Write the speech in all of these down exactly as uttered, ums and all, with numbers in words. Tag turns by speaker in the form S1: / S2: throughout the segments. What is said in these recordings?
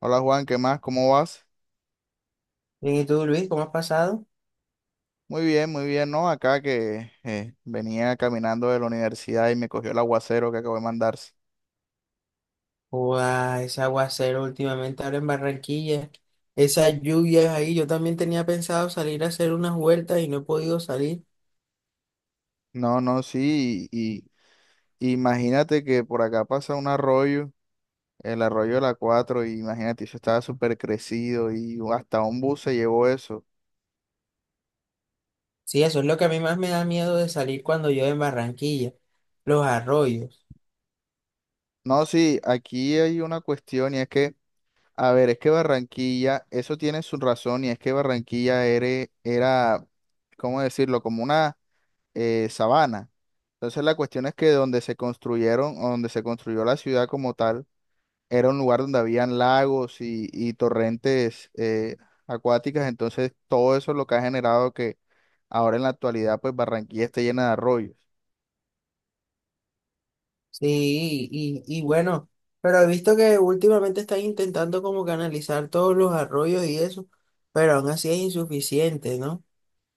S1: Hola Juan, ¿qué más? ¿Cómo vas?
S2: Bien, ¿y tú, Luis, cómo has pasado?
S1: Muy bien, muy bien, ¿no? Acá que eh, venía caminando de la universidad y me cogió el aguacero que acabo de mandarse.
S2: Ua, ese aguacero últimamente ahora en Barranquilla, esas lluvias ahí, yo también tenía pensado salir a hacer unas vueltas y no he podido salir.
S1: No, no, sí, y, y imagínate que por acá pasa un arroyo, el arroyo de la cuatro y imagínate, eso estaba súper crecido y hasta un bus se llevó eso.
S2: Sí, eso es lo que a mí más me da miedo de salir cuando llueve en Barranquilla, los arroyos.
S1: No, sí, aquí hay una cuestión y es que, a ver, es que Barranquilla, eso tiene su razón y es que Barranquilla era, era, ¿cómo decirlo? Como una eh, sabana. Entonces la cuestión es que donde se construyeron, o donde se construyó la ciudad como tal, era un lugar donde habían lagos y, y torrentes eh, acuáticas. Entonces todo eso es lo que ha generado que ahora en la actualidad pues Barranquilla esté llena de arroyos.
S2: Sí, y, y bueno, pero he visto que últimamente están intentando como canalizar todos los arroyos y eso, pero aún así es insuficiente, ¿no?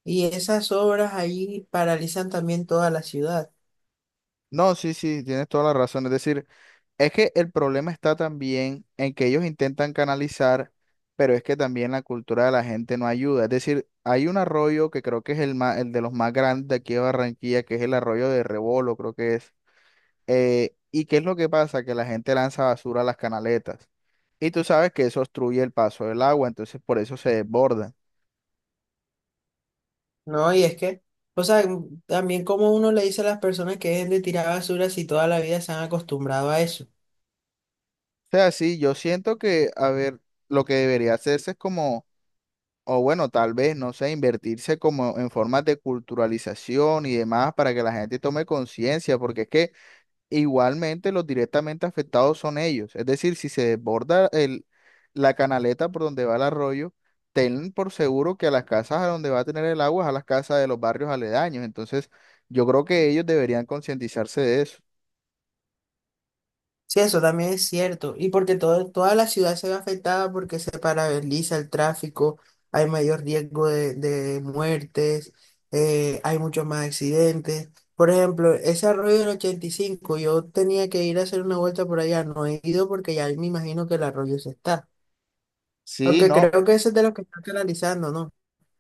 S2: Y esas obras ahí paralizan también toda la ciudad.
S1: No, sí, sí, tienes toda la razón. Es decir, es que el problema está también en que ellos intentan canalizar, pero es que también la cultura de la gente no ayuda. Es decir, hay un arroyo que creo que es el, ma- el de los más grandes de aquí de Barranquilla, que es el arroyo de Rebolo, creo que es. Eh, ¿y qué es lo que pasa? Que la gente lanza basura a las canaletas. Y tú sabes que eso obstruye el paso del agua, entonces por eso se desborda.
S2: No, y es que, o sea, también como uno le dice a las personas que dejen de tirar basura si toda la vida se han acostumbrado a eso.
S1: O sea, sí, yo siento que, a ver, lo que debería hacerse es como o bueno, tal vez, no sé, invertirse como en formas de culturalización y demás para que la gente tome conciencia, porque es que igualmente los directamente afectados son ellos. Es decir, si se desborda el, la canaleta por donde va el arroyo, ten por seguro que a las casas a donde va a tener el agua es a las casas de los barrios aledaños. Entonces, yo creo que ellos deberían concientizarse de eso.
S2: Sí, eso también es cierto. Y porque todo, toda la ciudad se ve afectada porque se paraliza el tráfico, hay mayor riesgo de, de muertes, eh, hay muchos más accidentes. Por ejemplo, ese arroyo del ochenta y cinco yo tenía que ir a hacer una vuelta por allá, no he ido porque ya me imagino que el arroyo se está.
S1: Sí,
S2: Aunque
S1: no.
S2: creo que ese es de los que están canalizando, ¿no?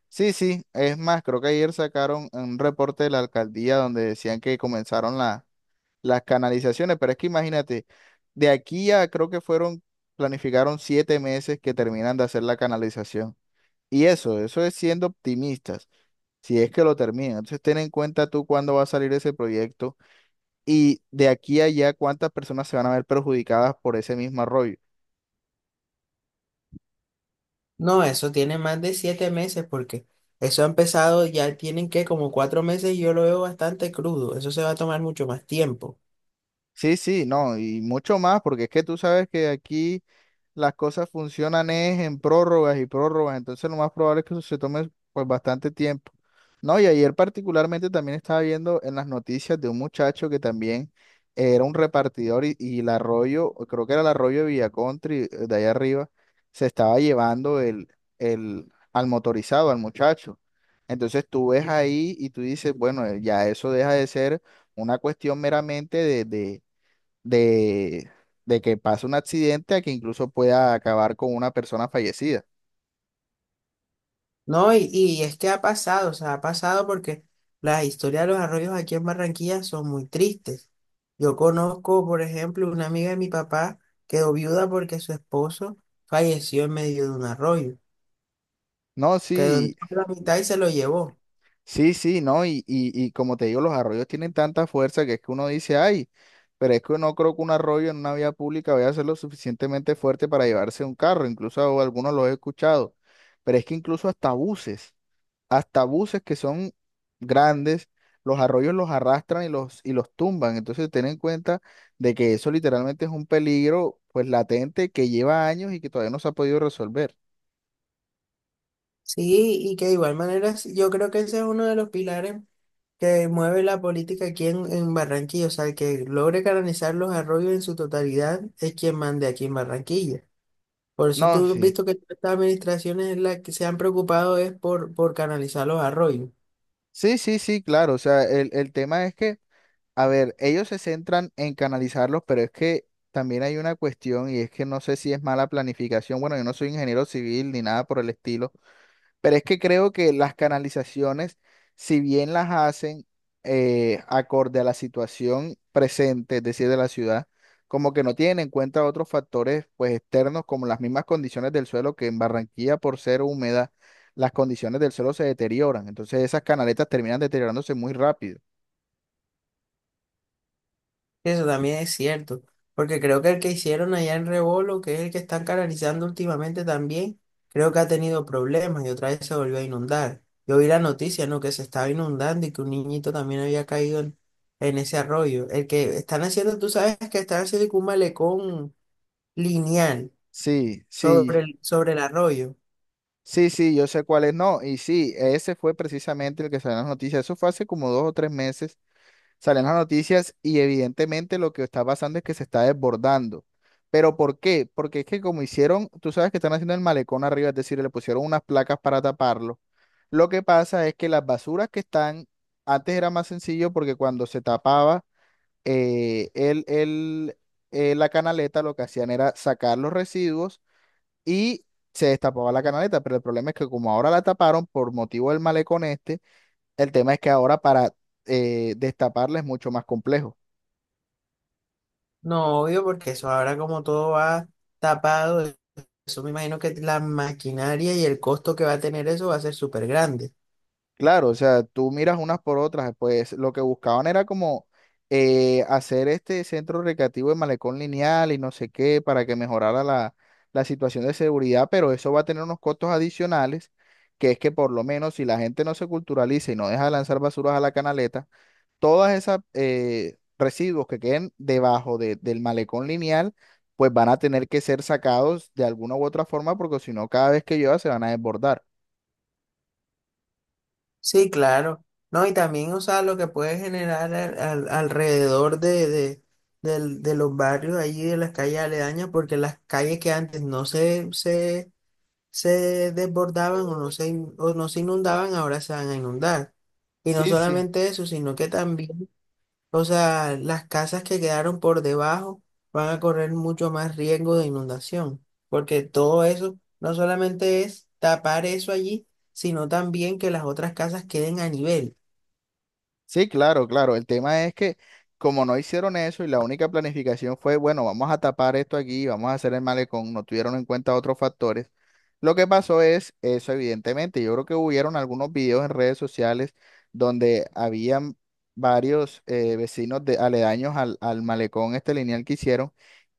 S1: Sí, sí, es más, creo que ayer sacaron un reporte de la alcaldía donde decían que comenzaron la las canalizaciones, pero es que imagínate, de aquí a creo que fueron, planificaron siete meses que terminan de hacer la canalización. Y eso, eso es siendo optimistas, si es que lo terminan. Entonces ten en cuenta tú cuándo va a salir ese proyecto y de aquí a allá cuántas personas se van a ver perjudicadas por ese mismo arroyo.
S2: No, eso tiene más de siete meses porque eso ha empezado, ya tienen que como cuatro meses y yo lo veo bastante crudo, eso se va a tomar mucho más tiempo.
S1: Sí, sí, no, y mucho más, porque es que tú sabes que aquí las cosas funcionan es en prórrogas y prórrogas, entonces lo más probable es que eso se tome pues bastante tiempo. No, y ayer particularmente también estaba viendo en las noticias de un muchacho que también era un repartidor y, y el arroyo, creo que era el arroyo de Villacontri, eh, de allá arriba, se estaba llevando el, el, al motorizado, al muchacho. Entonces tú ves ahí y tú dices, bueno, eh, ya eso deja de ser una cuestión meramente de, de de, de que pase un accidente a que incluso pueda acabar con una persona fallecida.
S2: No, y, y es que ha pasado, o sea, ha pasado porque las historias de los arroyos aquí en Barranquilla son muy tristes. Yo conozco, por ejemplo, una amiga de mi papá quedó viuda porque su esposo falleció en medio de un arroyo,
S1: No,
S2: quedó en
S1: sí,
S2: toda la mitad y se lo llevó.
S1: sí, sí, no, y, y, y como te digo, los arroyos tienen tanta fuerza que es que uno dice, ay, pero es que no creo que un arroyo en una vía pública vaya a ser lo suficientemente fuerte para llevarse un carro, incluso algunos los he escuchado, pero es que incluso hasta buses. hasta buses que son grandes, los arroyos los arrastran y los, y los tumban. Entonces, ten en cuenta de que eso literalmente es un peligro pues latente que lleva años y que todavía no se ha podido resolver.
S2: Sí, y que de igual manera sí, yo creo que ese es uno de los pilares que mueve la política aquí en, en Barranquilla, o sea, el que logre canalizar los arroyos en su totalidad es quien mande aquí en Barranquilla. Por eso
S1: No,
S2: tú has
S1: sí.
S2: visto que todas estas administraciones la que se han preocupado es por, por canalizar los arroyos.
S1: Sí, sí, sí, claro. O sea, el, el tema es que, a ver, ellos se centran en canalizarlos, pero es que también hay una cuestión y es que no sé si es mala planificación. Bueno, yo no soy ingeniero civil ni nada por el estilo. Pero es que creo que las canalizaciones, si bien las hacen eh, acorde a la situación presente, es decir, de la ciudad, como que no tienen en cuenta otros factores pues externos como las mismas condiciones del suelo, que en Barranquilla por ser húmeda, las condiciones del suelo se deterioran. Entonces esas canaletas terminan deteriorándose muy rápido.
S2: Eso también es cierto, porque creo que el que hicieron allá en Rebolo, que es el que están canalizando últimamente también, creo que ha tenido problemas y otra vez se volvió a inundar. Yo vi la noticia, ¿no? Que se estaba inundando y que un niñito también había caído en, en ese arroyo. El que están haciendo, tú sabes que están haciendo como un malecón lineal
S1: Sí,
S2: sobre
S1: sí,
S2: el, sobre el arroyo.
S1: sí, sí, yo sé cuál es, no. Y sí, ese fue precisamente el que salió en las noticias. Eso fue hace como dos o tres meses salen las noticias y evidentemente lo que está pasando es que se está desbordando. ¿Pero por qué? Porque es que como hicieron, tú sabes que están haciendo el malecón arriba, es decir, le pusieron unas placas para taparlo. Lo que pasa es que las basuras que están, antes era más sencillo porque cuando se tapaba eh, el, el, eh, la canaleta, lo que hacían era sacar los residuos y se destapaba la canaleta, pero el problema es que como ahora la taparon por motivo del malecón este, el tema es que ahora para eh, destaparla es mucho más complejo.
S2: No, obvio, porque eso ahora como todo va tapado, eso me imagino que la maquinaria y el costo que va a tener eso va a ser súper grande.
S1: Claro, o sea, tú miras unas por otras, pues lo que buscaban era como eh, hacer este centro recreativo de malecón lineal y no sé qué para que mejorara la, la situación de seguridad, pero eso va a tener unos costos adicionales, que es que por lo menos si la gente no se culturaliza y no deja de lanzar basuras a la canaleta, todas esas eh, residuos que queden debajo de- del malecón lineal, pues van a tener que ser sacados de alguna u otra forma porque si no, cada vez que llueva se van a desbordar.
S2: Sí, claro. No, y también, o sea, lo que puede generar al- al- alrededor de, de, del- de los barrios allí, de las calles aledañas, porque las calles que antes no se, se, se desbordaban o no se, in- o no se inundaban, ahora se van a inundar. Y no
S1: Sí, sí.
S2: solamente eso, sino que también o sea, las casas que quedaron por debajo van a correr mucho más riesgo de inundación, porque todo eso no solamente es tapar eso allí, sino también que las otras casas queden a nivel.
S1: Sí, claro, claro. El tema es que como no hicieron eso y la única planificación fue, bueno, vamos a tapar esto aquí, vamos a hacer el malecón, no tuvieron en cuenta otros factores. Lo que pasó es eso, evidentemente. Yo creo que hubieron algunos videos en redes sociales donde habían varios eh, vecinos de, aledaños al, al malecón, este lineal que hicieron,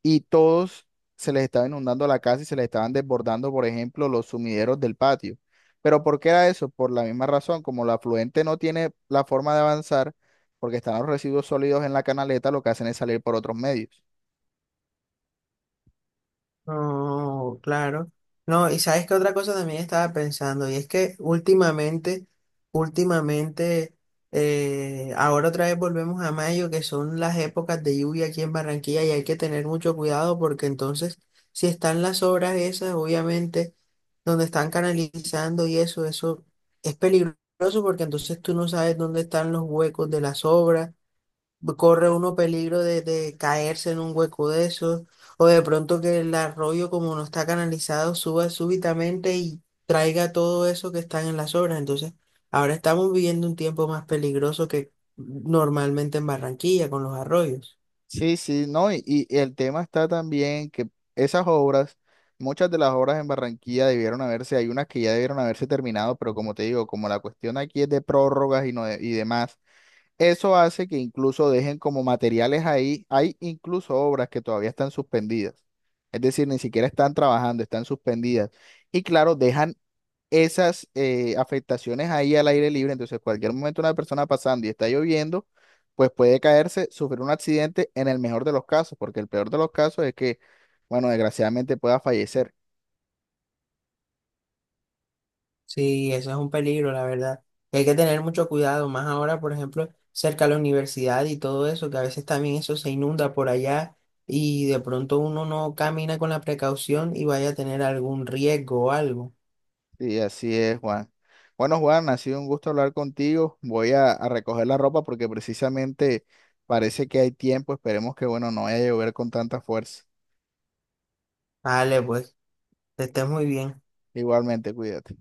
S1: y todos se les estaba inundando la casa y se les estaban desbordando, por ejemplo, los sumideros del patio. Pero ¿por qué era eso? Por la misma razón, como la afluente no tiene la forma de avanzar, porque están los residuos sólidos en la canaleta, lo que hacen es salir por otros medios.
S2: No, claro. No, y sabes que otra cosa también estaba pensando, y es que últimamente, últimamente, eh, ahora otra vez volvemos a mayo, que son las épocas de lluvia aquí en Barranquilla, y hay que tener mucho cuidado porque entonces, si están las obras esas, obviamente, donde están canalizando y eso, eso es peligroso porque entonces tú no sabes dónde están los huecos de las obras corre uno peligro de, de caerse en un hueco de esos, o de pronto que el arroyo, como no está canalizado, suba súbitamente y traiga todo eso que están en las obras. Entonces, ahora estamos viviendo un tiempo más peligroso que normalmente en Barranquilla con los arroyos.
S1: Sí, sí, no, y, y el tema está también que esas obras, muchas de las obras en Barranquilla debieron haberse, hay unas que ya debieron haberse terminado, pero como te digo, como la cuestión aquí es de prórrogas y, no de- y demás, eso hace que incluso dejen como materiales ahí, hay incluso obras que todavía están suspendidas, es decir, ni siquiera están trabajando, están suspendidas. Y claro, dejan esas eh, afectaciones ahí al aire libre. Entonces, cualquier momento una persona pasando y está lloviendo, pues puede caerse, sufrir un accidente en el mejor de los casos, porque el peor de los casos es que, bueno, desgraciadamente pueda fallecer.
S2: Sí, eso es un peligro, la verdad. Y hay que tener mucho cuidado, más ahora, por ejemplo, cerca de la universidad y todo eso, que a veces también eso se inunda por allá y de pronto uno no camina con la precaución y vaya a tener algún riesgo o algo.
S1: Y así es, Juan. Bueno, Juan, ha sido un gusto hablar contigo. Voy a, a recoger la ropa porque precisamente parece que hay tiempo. Esperemos que, bueno, no vaya a llover con tanta fuerza.
S2: Vale, pues, que estés muy bien.
S1: Igualmente, cuídate.